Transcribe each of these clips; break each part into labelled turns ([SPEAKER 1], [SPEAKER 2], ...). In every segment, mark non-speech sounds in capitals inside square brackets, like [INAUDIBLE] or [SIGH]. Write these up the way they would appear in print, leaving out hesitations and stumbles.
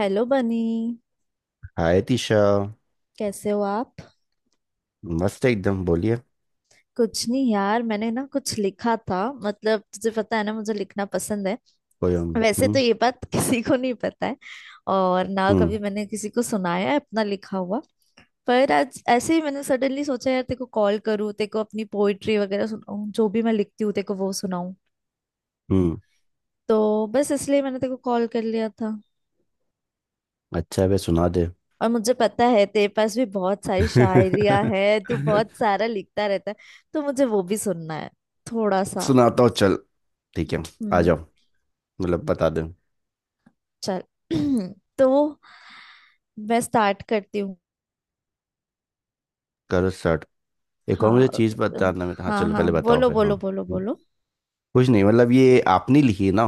[SPEAKER 1] Hello Bunny.
[SPEAKER 2] Hi Tisha.
[SPEAKER 1] कैसे हो आप?
[SPEAKER 2] मस्त एकदम बोलिए।
[SPEAKER 1] कुछ नहीं यार, मैंने ना कुछ लिखा था। मतलब तुझे पता है ना, मुझे लिखना पसंद है।
[SPEAKER 2] कोई हम
[SPEAKER 1] वैसे तो
[SPEAKER 2] हम्म।
[SPEAKER 1] ये बात [LAUGHS] किसी को नहीं पता है, और ना
[SPEAKER 2] हम्म।
[SPEAKER 1] कभी मैंने किसी को सुनाया है अपना लिखा हुआ। पर आज ऐसे ही मैंने सडनली सोचा, यार तेरे को कॉल करूँ, तेरे को अपनी पोइट्री वगैरह सुनाऊँ, जो भी मैं लिखती हूँ तेरे को वो सुनाऊँ।
[SPEAKER 2] हम्म।
[SPEAKER 1] तो बस इसलिए मैंने तेरे को कॉल कर लिया था।
[SPEAKER 2] अच्छा है बे, सुना दे।
[SPEAKER 1] और मुझे पता है तेरे पास भी बहुत सारी
[SPEAKER 2] [LAUGHS]
[SPEAKER 1] शायरियां हैं, तू बहुत सारा लिखता रहता है। तो मुझे वो भी सुनना है। थोड़ा सा।
[SPEAKER 2] सुनाता हूँ, चल। ठीक है, आ
[SPEAKER 1] हम्म।
[SPEAKER 2] जाओ। मतलब बता दे।
[SPEAKER 1] चल [CLEARS THROAT] तो मैं स्टार्ट करती हूँ।
[SPEAKER 2] करो स्टार्ट। एक और मुझे
[SPEAKER 1] हाँ।
[SPEAKER 2] चीज़
[SPEAKER 1] अम,
[SPEAKER 2] बताना में, हाँ
[SPEAKER 1] हाँ
[SPEAKER 2] चलो
[SPEAKER 1] हाँ,
[SPEAKER 2] पहले बताओ
[SPEAKER 1] बोलो
[SPEAKER 2] फिर, हाँ।
[SPEAKER 1] बोलो बोलो
[SPEAKER 2] हम्म,
[SPEAKER 1] बोलो।
[SPEAKER 2] कुछ नहीं, मतलब ये आपने लिखी है ना?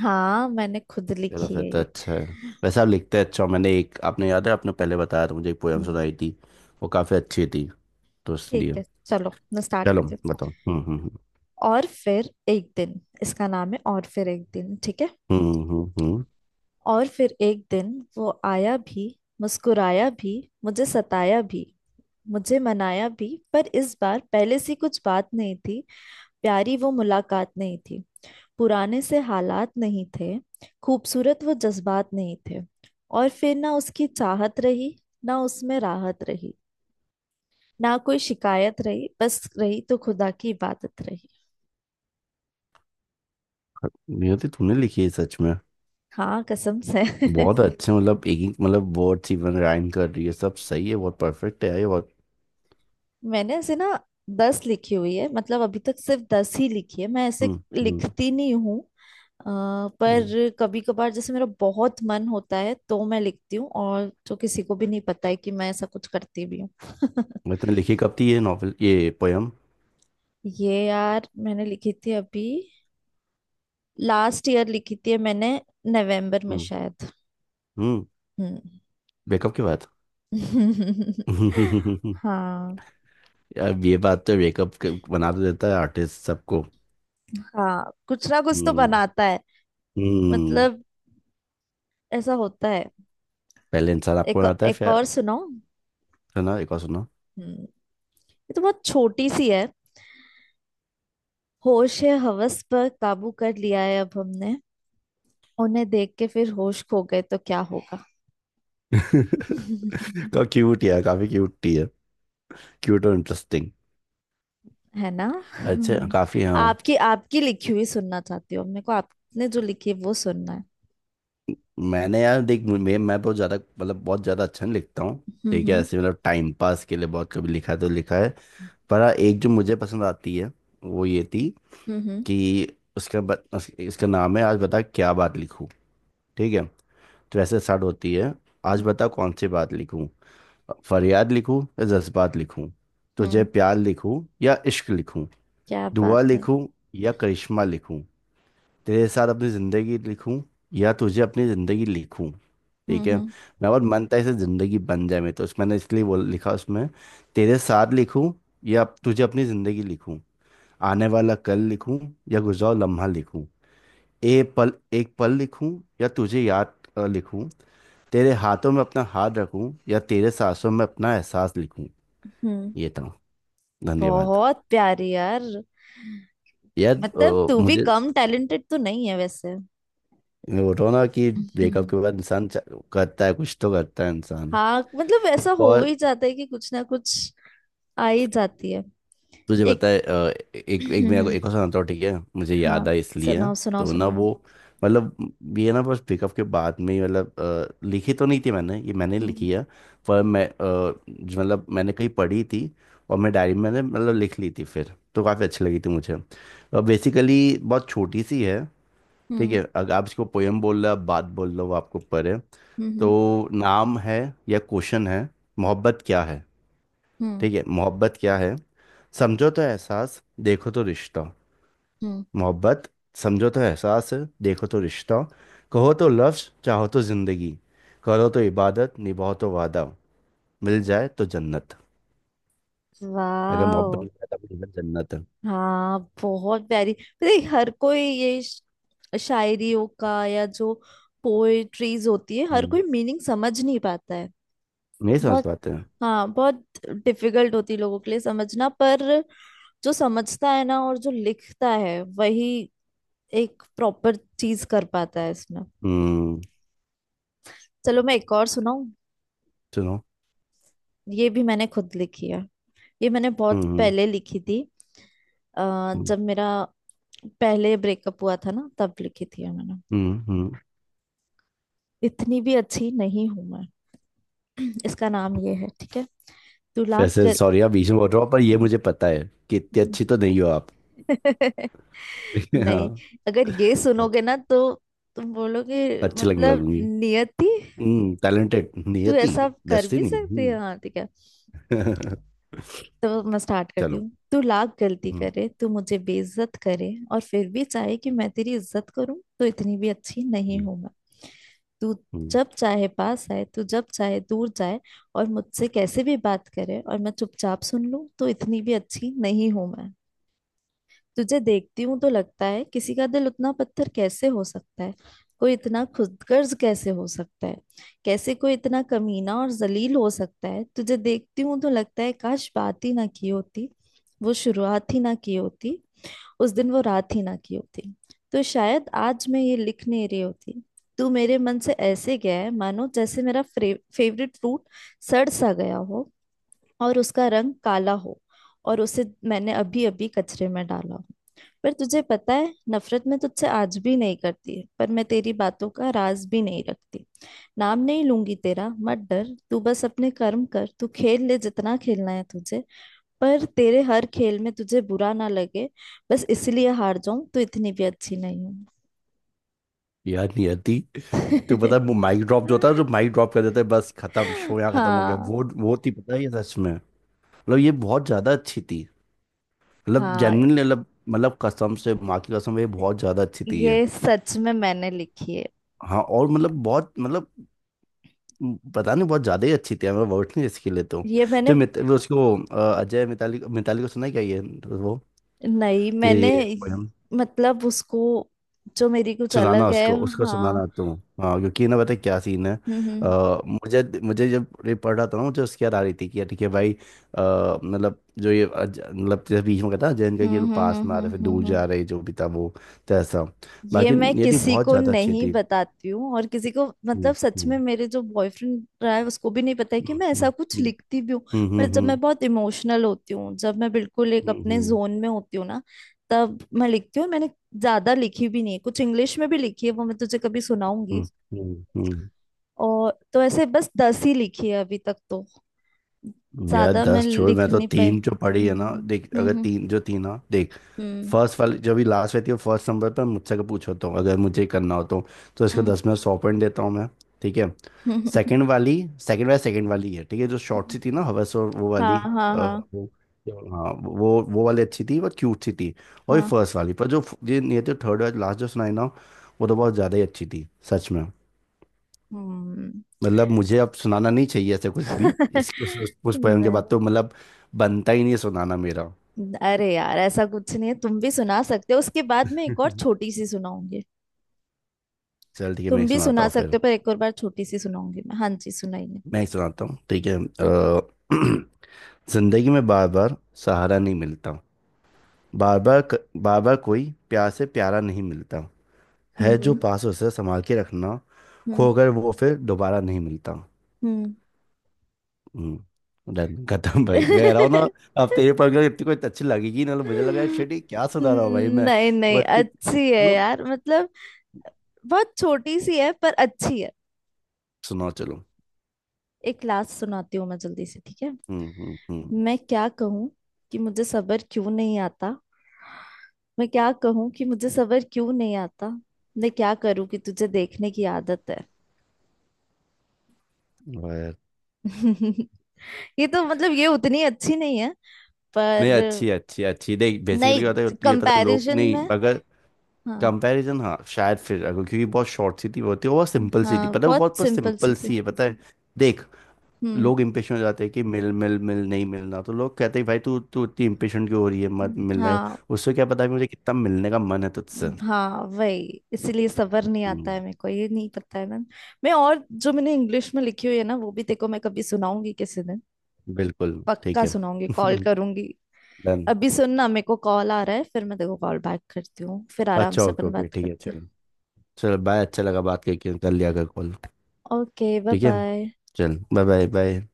[SPEAKER 1] हाँ, मैंने खुद
[SPEAKER 2] चलो
[SPEAKER 1] लिखी
[SPEAKER 2] फिर
[SPEAKER 1] है
[SPEAKER 2] तो
[SPEAKER 1] ये।
[SPEAKER 2] अच्छा है। वैसे आप लिखते हैं, अच्छा हो। मैंने एक, आपने याद है आपने पहले बताया था, मुझे एक पोएम सुनाई
[SPEAKER 1] हम्म।
[SPEAKER 2] थी। वो काफ़ी अच्छी थी, तो
[SPEAKER 1] ठीक
[SPEAKER 2] इसलिए।
[SPEAKER 1] है, चलो मैं स्टार्ट
[SPEAKER 2] चलो
[SPEAKER 1] करती हूँ।
[SPEAKER 2] बताओ।
[SPEAKER 1] और फिर एक दिन, इसका नाम है और फिर एक दिन, ठीक है।
[SPEAKER 2] हम्म हम्म हम्म हम्म।
[SPEAKER 1] और फिर एक दिन वो आया भी, मुस्कुराया भी, मुझे सताया भी, मुझे मनाया भी। पर इस बार पहले सी कुछ बात नहीं थी, प्यारी वो मुलाकात नहीं थी, पुराने से हालात नहीं थे, खूबसूरत वो जज्बात नहीं थे। और फिर ना उसकी चाहत रही, ना उसमें राहत रही, ना कोई शिकायत रही, बस रही तो खुदा की इबादत रही।
[SPEAKER 2] नियति तूने लिखी है सच में?
[SPEAKER 1] हाँ, कसम से। [LAUGHS]
[SPEAKER 2] बहुत अच्छे, मतलब एक एक मतलब वर्ड इवन राइम कर रही है, सब सही है, बहुत परफेक्ट है ये बहुत।
[SPEAKER 1] मैंने ऐसे ना 10 लिखी हुई है, मतलब अभी तक सिर्फ 10 ही लिखी है, मैं ऐसे
[SPEAKER 2] हम्म हम्म।
[SPEAKER 1] लिखती नहीं हूँ। अ,
[SPEAKER 2] हम्म।
[SPEAKER 1] पर कभी कभार जैसे मेरा बहुत मन होता है तो मैं लिखती हूँ, और जो किसी को भी नहीं पता है कि मैं ऐसा कुछ करती भी हूँ। [LAUGHS]
[SPEAKER 2] इतने लिखी कब थी ये नॉवेल, ये पोयम?
[SPEAKER 1] ये यार मैंने लिखी थी अभी, लास्ट ईयर लिखी थी मैंने, नवंबर में
[SPEAKER 2] हम्म।
[SPEAKER 1] शायद।
[SPEAKER 2] हम्म।
[SPEAKER 1] हम्म।
[SPEAKER 2] ब्रेकअप के बाद।
[SPEAKER 1] [LAUGHS]
[SPEAKER 2] [LAUGHS]
[SPEAKER 1] हाँ।
[SPEAKER 2] अब ये बात तो, ब्रेकअप बना तो देता है आर्टिस्ट सबको।
[SPEAKER 1] हाँ, कुछ ना कुछ तो
[SPEAKER 2] हम्म।
[SPEAKER 1] बनाता है।
[SPEAKER 2] हम्म।
[SPEAKER 1] मतलब ऐसा होता है।
[SPEAKER 2] पहले इंसान आपको
[SPEAKER 1] एक
[SPEAKER 2] बनाता है,
[SPEAKER 1] एक
[SPEAKER 2] फिर।
[SPEAKER 1] और सुनो।
[SPEAKER 2] सुना, एक और सुना।
[SPEAKER 1] हम्म। ये तो बहुत छोटी सी है। होश है, हवस पर काबू कर लिया है अब हमने। उन्हें देख के फिर होश खो गए तो क्या होगा?
[SPEAKER 2] [LAUGHS]
[SPEAKER 1] [LAUGHS]
[SPEAKER 2] का क्यूट यार, काफी क्यूट थी है। क्यूट और इंटरेस्टिंग।
[SPEAKER 1] है ना।
[SPEAKER 2] अच्छा
[SPEAKER 1] हम्म।
[SPEAKER 2] काफी, हाँ।
[SPEAKER 1] आपकी आपकी लिखी हुई सुनना चाहती हूँ, मेरे को आपने जो लिखी है वो सुनना।
[SPEAKER 2] मैंने यार, देख मैं बहुत ज़्यादा, मतलब बहुत ज़्यादा अच्छा नहीं लिखता हूँ। ठीक है,
[SPEAKER 1] हम्म
[SPEAKER 2] ऐसे मतलब टाइम पास के लिए बहुत कभी लिखा है तो लिखा है। पर हाँ, एक जो मुझे पसंद आती है वो ये थी।
[SPEAKER 1] हम्म हम्म
[SPEAKER 2] कि इसका नाम है आज बता क्या बात लिखूँ। ठीक है, तो ऐसे स्टार्ट होती है। आज बता कौन सी बात लिखूँ। फरियाद लिखूँ या जज्बात लिखूँ। तुझे
[SPEAKER 1] हम्म।
[SPEAKER 2] प्यार लिखूँ या इश्क लिखूँ।
[SPEAKER 1] क्या
[SPEAKER 2] दुआ
[SPEAKER 1] बात है!
[SPEAKER 2] लिखूँ या करिश्मा लिखूँ। तेरे साथ अपनी जिंदगी लिखूं या तुझे अपनी जिंदगी लिखूं।
[SPEAKER 1] हम्म
[SPEAKER 2] ठीक है,
[SPEAKER 1] हम्म
[SPEAKER 2] मैं बहुत मन था इसे जिंदगी बन जाए, मैं तो मैंने इसलिए बोल लिखा उसमें। तेरे साथ लिखूं या तुझे अपनी जिंदगी लिखूं। आने वाला कल लिखूं या गुजरा हुआ लम्हा लिखूं। ए पल, एक पल लिखूं या तुझे याद लिखूं। तेरे हाथों में अपना हाथ रखूं या तेरे सांसों में अपना एहसास लिखूं।
[SPEAKER 1] हम्म।
[SPEAKER 2] ये था, धन्यवाद।
[SPEAKER 1] बहुत प्यारी यार।
[SPEAKER 2] यार
[SPEAKER 1] मतलब तू भी
[SPEAKER 2] मुझे।
[SPEAKER 1] कम टैलेंटेड तो नहीं है वैसे।
[SPEAKER 2] मैं बोल रहा हूं ना कि ब्रेकअप
[SPEAKER 1] हम्म।
[SPEAKER 2] के बाद इंसान करता है, कुछ तो करता है इंसान।
[SPEAKER 1] हाँ, मतलब ऐसा
[SPEAKER 2] एक
[SPEAKER 1] हो
[SPEAKER 2] और।
[SPEAKER 1] ही जाता है कि कुछ ना कुछ आ ही जाती है।
[SPEAKER 2] तुझे
[SPEAKER 1] एक।
[SPEAKER 2] पता है एक, मेरा को
[SPEAKER 1] हम्म।
[SPEAKER 2] एक और सुनाता हूँ, ठीक है, मुझे
[SPEAKER 1] हाँ,
[SPEAKER 2] याद आया इसलिए।
[SPEAKER 1] सुनाओ सुनाओ
[SPEAKER 2] तो ना
[SPEAKER 1] सुनाओ।
[SPEAKER 2] वो, मतलब ये ना बस पिकअप के बाद में ही मतलब लिखी तो नहीं थी मैंने, ये मैंने
[SPEAKER 1] हम्म
[SPEAKER 2] लिखी है। पर मैं जो मतलब मैंने कहीं पढ़ी थी, और मैं डायरी में मैंने मतलब लिख ली थी फिर तो। काफ़ी अच्छी लगी थी मुझे, और बेसिकली बहुत छोटी सी है। ठीक
[SPEAKER 1] हम्म
[SPEAKER 2] है, अगर आप इसको पोएम बोल रहे हो, आप बात बोल रहे हो आपको पर है।
[SPEAKER 1] हम्म
[SPEAKER 2] तो नाम है, या क्वेश्चन है, मोहब्बत क्या है।
[SPEAKER 1] हम्म
[SPEAKER 2] ठीक है, मोहब्बत क्या है। समझो तो एहसास, देखो तो रिश्ता।
[SPEAKER 1] हम्म।
[SPEAKER 2] मोहब्बत समझो तो एहसास है, देखो तो रिश्ता। कहो तो लफ्ज, चाहो तो जिंदगी। करो तो इबादत, निभाओ तो वादा। मिल जाए तो जन्नत। अगर मोहब्बत
[SPEAKER 1] वाह!
[SPEAKER 2] मिल जाए तो मिल जाए जन्नत है।
[SPEAKER 1] हाँ, बहुत प्यारी। देख हर कोई ये शायरियों का, या जो पोएट्रीज होती है, हर
[SPEAKER 2] हम्म,
[SPEAKER 1] कोई मीनिंग समझ नहीं पाता है।
[SPEAKER 2] नहीं समझ
[SPEAKER 1] बहुत।
[SPEAKER 2] पाते हैं।
[SPEAKER 1] हाँ बहुत डिफिकल्ट होती है लोगों के लिए समझना, पर जो समझता है ना, और जो लिखता है, वही एक प्रॉपर चीज कर पाता है इसमें।
[SPEAKER 2] हम्म।
[SPEAKER 1] चलो मैं एक और सुनाऊं।
[SPEAKER 2] सुनो।
[SPEAKER 1] ये भी मैंने खुद लिखी है। ये मैंने बहुत
[SPEAKER 2] हम्म
[SPEAKER 1] पहले लिखी थी।
[SPEAKER 2] हम्म
[SPEAKER 1] जब मेरा पहले ब्रेकअप हुआ था ना, तब लिखी थी ये मैंने।
[SPEAKER 2] हम्म।
[SPEAKER 1] इतनी भी अच्छी नहीं हूं मैं। [CLEARS THROAT] इसका नाम ये है, ठीक है, तुला
[SPEAKER 2] वैसे
[SPEAKER 1] कर।
[SPEAKER 2] सॉरी आप बीच में बोल रहा हूँ, पर ये मुझे पता है कि इतनी अच्छी तो नहीं हो आप।
[SPEAKER 1] [LAUGHS]
[SPEAKER 2] [LAUGHS] हाँ।
[SPEAKER 1] नहीं, अगर ये
[SPEAKER 2] बहुत।
[SPEAKER 1] सुनोगे ना, तो तुम बोलोगे,
[SPEAKER 2] अच्छी लगने
[SPEAKER 1] मतलब
[SPEAKER 2] लगूंगी।
[SPEAKER 1] नियति
[SPEAKER 2] हम्म, टैलेंटेड
[SPEAKER 1] तू
[SPEAKER 2] नियति।
[SPEAKER 1] ऐसा कर भी
[SPEAKER 2] डेस्टिनी
[SPEAKER 1] सकती है, हाँ ठीक है।
[SPEAKER 2] हम्म। [LAUGHS]
[SPEAKER 1] तो मैं स्टार्ट करती
[SPEAKER 2] चलो।
[SPEAKER 1] हूँ। तू लाख गलती
[SPEAKER 2] हम्म।
[SPEAKER 1] करे, तू मुझे बेइज्जत करे, और फिर भी चाहे कि मैं तेरी इज्जत करूं, तो इतनी भी अच्छी नहीं
[SPEAKER 2] हम्म।
[SPEAKER 1] हूं मैं। तू
[SPEAKER 2] हम्म।
[SPEAKER 1] जब चाहे पास आए, तू जब चाहे दूर जाए, और मुझसे कैसे भी बात करे और मैं चुपचाप सुन लूं, तो इतनी भी अच्छी नहीं हूं मैं। तुझे देखती हूं तो लगता है किसी का दिल उतना पत्थर कैसे हो सकता है, कोई इतना खुदगर्ज कैसे हो सकता है, कैसे कोई इतना कमीना और जलील हो सकता है। तुझे देखती हूं तो लगता है काश बात ही ना की होती, वो शुरुआत ही ना की होती, उस दिन वो रात ही ना की होती, तो शायद आज मैं ये लिख नहीं रही होती। तू मेरे मन से ऐसे गया है मानो जैसे मेरा फेवरेट फ्रूट सड़ सा गया हो, और उसका रंग काला हो, और उसे मैंने अभी अभी कचरे में डाला हो। पर तुझे पता है, नफरत मैं तुझसे आज भी नहीं करती है, पर मैं तेरी बातों का राज भी नहीं रखती। नाम नहीं लूंगी तेरा, मत डर। तू बस अपने कर्म कर, तू खेल ले जितना खेलना है तुझे, पर तेरे हर खेल में तुझे बुरा ना लगे बस इसलिए हार जाऊं, तो इतनी भी अच्छी नहीं हूं।
[SPEAKER 2] याद नहीं आती। तो पता है वो माइक ड्रॉप जो होता है, जो माइक ड्रॉप कर देते हैं, बस खत्म,
[SPEAKER 1] [LAUGHS]
[SPEAKER 2] शो यहाँ खत्म हो गया,
[SPEAKER 1] हाँ।
[SPEAKER 2] वो थी पता है ये, सच में। मतलब ये बहुत ज्यादा अच्छी थी। मतलब
[SPEAKER 1] हाँ,
[SPEAKER 2] जेन्युइनली मतलब मतलब कसम से, माँ की कसम ये बहुत ज्यादा अच्छी थी ये।
[SPEAKER 1] ये सच में मैंने लिखी है।
[SPEAKER 2] हाँ और मतलब बहुत मतलब पता नहीं, बहुत ज्यादा ही अच्छी थी। मैं वर्ड नहीं इसके लिए तो।
[SPEAKER 1] ये
[SPEAKER 2] तो
[SPEAKER 1] मैंने
[SPEAKER 2] वो उसको अजय, मिताली मिताली को सुना है क्या ये वो,
[SPEAKER 1] नहीं मैंने
[SPEAKER 2] ये poem?
[SPEAKER 1] मतलब उसको, जो मेरी कुछ
[SPEAKER 2] सुनाना
[SPEAKER 1] अलग है।
[SPEAKER 2] उसको, उसको
[SPEAKER 1] हाँ।
[SPEAKER 2] सुनाना तुम। हाँ क्योंकि ना पता है क्या सीन है।
[SPEAKER 1] हम्म
[SPEAKER 2] मुझे मुझे जब ये पढ़ रहा था ना, मुझे उसकी याद आ रही थी कि यार ठीक है भाई मतलब जो ये मतलब जैसे बीच में कहता जैन का कि ये
[SPEAKER 1] हम्म
[SPEAKER 2] लोग
[SPEAKER 1] हम्म
[SPEAKER 2] पास में
[SPEAKER 1] हम्म
[SPEAKER 2] आ रहे फिर
[SPEAKER 1] हम्म हम्म
[SPEAKER 2] दूर
[SPEAKER 1] हम्म, हम्म।
[SPEAKER 2] जा रहे, जो भी था वो। तो ऐसा।
[SPEAKER 1] ये
[SPEAKER 2] बाकी
[SPEAKER 1] मैं
[SPEAKER 2] ये थी
[SPEAKER 1] किसी
[SPEAKER 2] बहुत
[SPEAKER 1] को
[SPEAKER 2] ज़्यादा अच्छी
[SPEAKER 1] नहीं
[SPEAKER 2] थी।
[SPEAKER 1] बताती हूँ, और किसी को मतलब
[SPEAKER 2] हम्म
[SPEAKER 1] सच
[SPEAKER 2] हम्म
[SPEAKER 1] में मेरे जो बॉयफ्रेंड रहा है उसको भी नहीं पता है कि
[SPEAKER 2] हम्म
[SPEAKER 1] मैं ऐसा कुछ
[SPEAKER 2] हम्म
[SPEAKER 1] लिखती भी हूँ।
[SPEAKER 2] हम्म
[SPEAKER 1] पर जब मैं
[SPEAKER 2] हम्म
[SPEAKER 1] बहुत इमोशनल होती हूँ, जब मैं बिल्कुल एक
[SPEAKER 2] हम्म हम्म
[SPEAKER 1] अपने
[SPEAKER 2] हम्म हम्म
[SPEAKER 1] जोन में होती हूँ ना, तब मैं लिखती हूँ। मैंने ज्यादा लिखी भी नहीं है, कुछ इंग्लिश में भी लिखी है, वो मैं तुझे कभी
[SPEAKER 2] हम्म,
[SPEAKER 1] सुनाऊंगी।
[SPEAKER 2] हम्म।
[SPEAKER 1] और तो ऐसे बस 10 ही लिखी है अभी तक तो,
[SPEAKER 2] यार
[SPEAKER 1] ज्यादा मैं
[SPEAKER 2] दस छोड़, मैं
[SPEAKER 1] लिख
[SPEAKER 2] तो
[SPEAKER 1] नहीं पाई।
[SPEAKER 2] तीन जो पढ़ी है ना देख, अगर
[SPEAKER 1] हम्म
[SPEAKER 2] तीन जो तीन ना देख।
[SPEAKER 1] हम्म
[SPEAKER 2] फर्स्ट वाली जो भी लास्ट रहती है फर्स्ट नंबर पर, मुझसे का पूछो तो अगर मुझे करना हो तो। तो इसको
[SPEAKER 1] हम्म,
[SPEAKER 2] दस में सौ पॉइंट देता हूँ मैं। ठीक है।
[SPEAKER 1] हम्म,
[SPEAKER 2] सेकंड वाली, सेकंड वाली है ठीक है, जो शॉर्ट
[SPEAKER 1] हम्म।
[SPEAKER 2] सी थी ना हवस और वो
[SPEAKER 1] हाँ
[SPEAKER 2] वाली।
[SPEAKER 1] हाँ
[SPEAKER 2] अ,
[SPEAKER 1] हाँ।
[SPEAKER 2] वो, क्या बोलूं, हाँ, वो वाली अच्छी थी, वो क्यूट सी थी। और ये
[SPEAKER 1] हाँ।
[SPEAKER 2] फर्स्ट वाली पर जो, ये नहीं थी थर्ड वाली लास्ट जो सुनाई ना, वो तो बहुत ज़्यादा ही अच्छी थी सच में।
[SPEAKER 1] हम्म।
[SPEAKER 2] मतलब मुझे अब सुनाना नहीं चाहिए ऐसे कुछ भी
[SPEAKER 1] [LAUGHS]
[SPEAKER 2] इस उस poem के बाद
[SPEAKER 1] नहीं,
[SPEAKER 2] तो, मतलब बनता ही नहीं है सुनाना मेरा।
[SPEAKER 1] अरे यार ऐसा कुछ नहीं है, तुम भी सुना सकते हो। उसके बाद मैं एक और
[SPEAKER 2] [LAUGHS]
[SPEAKER 1] छोटी सी सुनाऊंगी।
[SPEAKER 2] चल ठीक है, मैं
[SPEAKER 1] तुम
[SPEAKER 2] एक
[SPEAKER 1] भी
[SPEAKER 2] सुनाता
[SPEAKER 1] सुना
[SPEAKER 2] हूँ
[SPEAKER 1] सकते
[SPEAKER 2] फिर।
[SPEAKER 1] हो, पर एक और बार छोटी सी सुनाऊंगी मैं। हाँ जी, सुनाइए।
[SPEAKER 2] मैं एक सुनाता हूँ ठीक है [CLEARS THROAT] जिंदगी में बार बार सहारा नहीं मिलता। बार बार बार बार कोई प्यार से प्यारा नहीं मिलता। है
[SPEAKER 1] हम्म
[SPEAKER 2] जो
[SPEAKER 1] हम्म
[SPEAKER 2] पास उसे संभाल के रखना, खो कर वो फिर दोबारा नहीं मिलता।
[SPEAKER 1] हम्म।
[SPEAKER 2] हम्म, डन, खत्म भाई, मैं कह रहा हूँ ना।
[SPEAKER 1] हम्म। [LAUGHS]
[SPEAKER 2] अब तेरे पर अगर इतनी कोई अच्छी लगेगी ना तो, मुझे लगा शिट ये क्या सुना रहा हूँ भाई मैं।
[SPEAKER 1] नहीं
[SPEAKER 2] वो
[SPEAKER 1] नहीं,
[SPEAKER 2] इतनी
[SPEAKER 1] अच्छी है
[SPEAKER 2] मतलब।
[SPEAKER 1] यार। मतलब बहुत छोटी सी है पर अच्छी है।
[SPEAKER 2] सुनाओ चलो।
[SPEAKER 1] एक लास्ट सुनाती हूँ मैं जल्दी से, ठीक है।
[SPEAKER 2] हम्म।
[SPEAKER 1] मैं क्या कहूँ कि मुझे सब्र क्यों नहीं आता। मैं क्या कहूँ कि मुझे सब्र क्यों नहीं आता। मैं क्या करूँ कि तुझे देखने की आदत है।
[SPEAKER 2] वाह यार।
[SPEAKER 1] [LAUGHS] ये तो मतलब ये उतनी अच्छी नहीं है,
[SPEAKER 2] नहीं
[SPEAKER 1] पर।
[SPEAKER 2] अच्छी अच्छी अच्छी, देख बेसिकली होता है
[SPEAKER 1] नहीं,
[SPEAKER 2] ये पता है, लोग
[SPEAKER 1] कंपैरिजन
[SPEAKER 2] नहीं
[SPEAKER 1] में।
[SPEAKER 2] अगर
[SPEAKER 1] हाँ।
[SPEAKER 2] कंपैरिजन, हाँ शायद फिर अगर क्योंकि बहुत शॉर्ट सी थी वो, थी वो बहुत सिंपल सी थी
[SPEAKER 1] हाँ
[SPEAKER 2] पता है, वो
[SPEAKER 1] बहुत
[SPEAKER 2] बहुत बस
[SPEAKER 1] सिंपल सी
[SPEAKER 2] सिंपल
[SPEAKER 1] थी।
[SPEAKER 2] सी है पता है। देख
[SPEAKER 1] हम्म
[SPEAKER 2] लोग इम्पेशेंट हो जाते हैं कि मिल मिल मिल, नहीं मिलना तो लोग कहते हैं भाई तू तू इतनी इम्पेशेंट क्यों हो रही है, मत
[SPEAKER 1] हम्म।
[SPEAKER 2] मिलना है
[SPEAKER 1] हाँ,
[SPEAKER 2] उससे। क्या पता है मुझे कितना मिलने का मन है तुझसे।
[SPEAKER 1] हाँ वही, इसीलिए सबर नहीं आता
[SPEAKER 2] हम्म,
[SPEAKER 1] है मेरे को, ये नहीं पता है ना। मैं, और जो मैंने इंग्लिश में लिखी हुई है ना वो भी देखो, मैं कभी सुनाऊंगी किसी दिन।
[SPEAKER 2] बिल्कुल ठीक
[SPEAKER 1] पक्का
[SPEAKER 2] है।
[SPEAKER 1] सुनाऊंगी, कॉल
[SPEAKER 2] [LAUGHS]
[SPEAKER 1] करूंगी।
[SPEAKER 2] डन।
[SPEAKER 1] अभी सुनना, मेरे को कॉल आ रहा है, फिर मैं देखो कॉल बैक करती हूँ, फिर आराम
[SPEAKER 2] अच्छा
[SPEAKER 1] से
[SPEAKER 2] ओके
[SPEAKER 1] अपन
[SPEAKER 2] ओके
[SPEAKER 1] बात
[SPEAKER 2] ठीक है
[SPEAKER 1] करते हैं।
[SPEAKER 2] चलो। चलो बाय, अच्छा लगा बात करके, कर लिया कर कॉल।
[SPEAKER 1] ओके, बाय
[SPEAKER 2] ठीक है,
[SPEAKER 1] बाय।
[SPEAKER 2] चल बाय बाय बाय।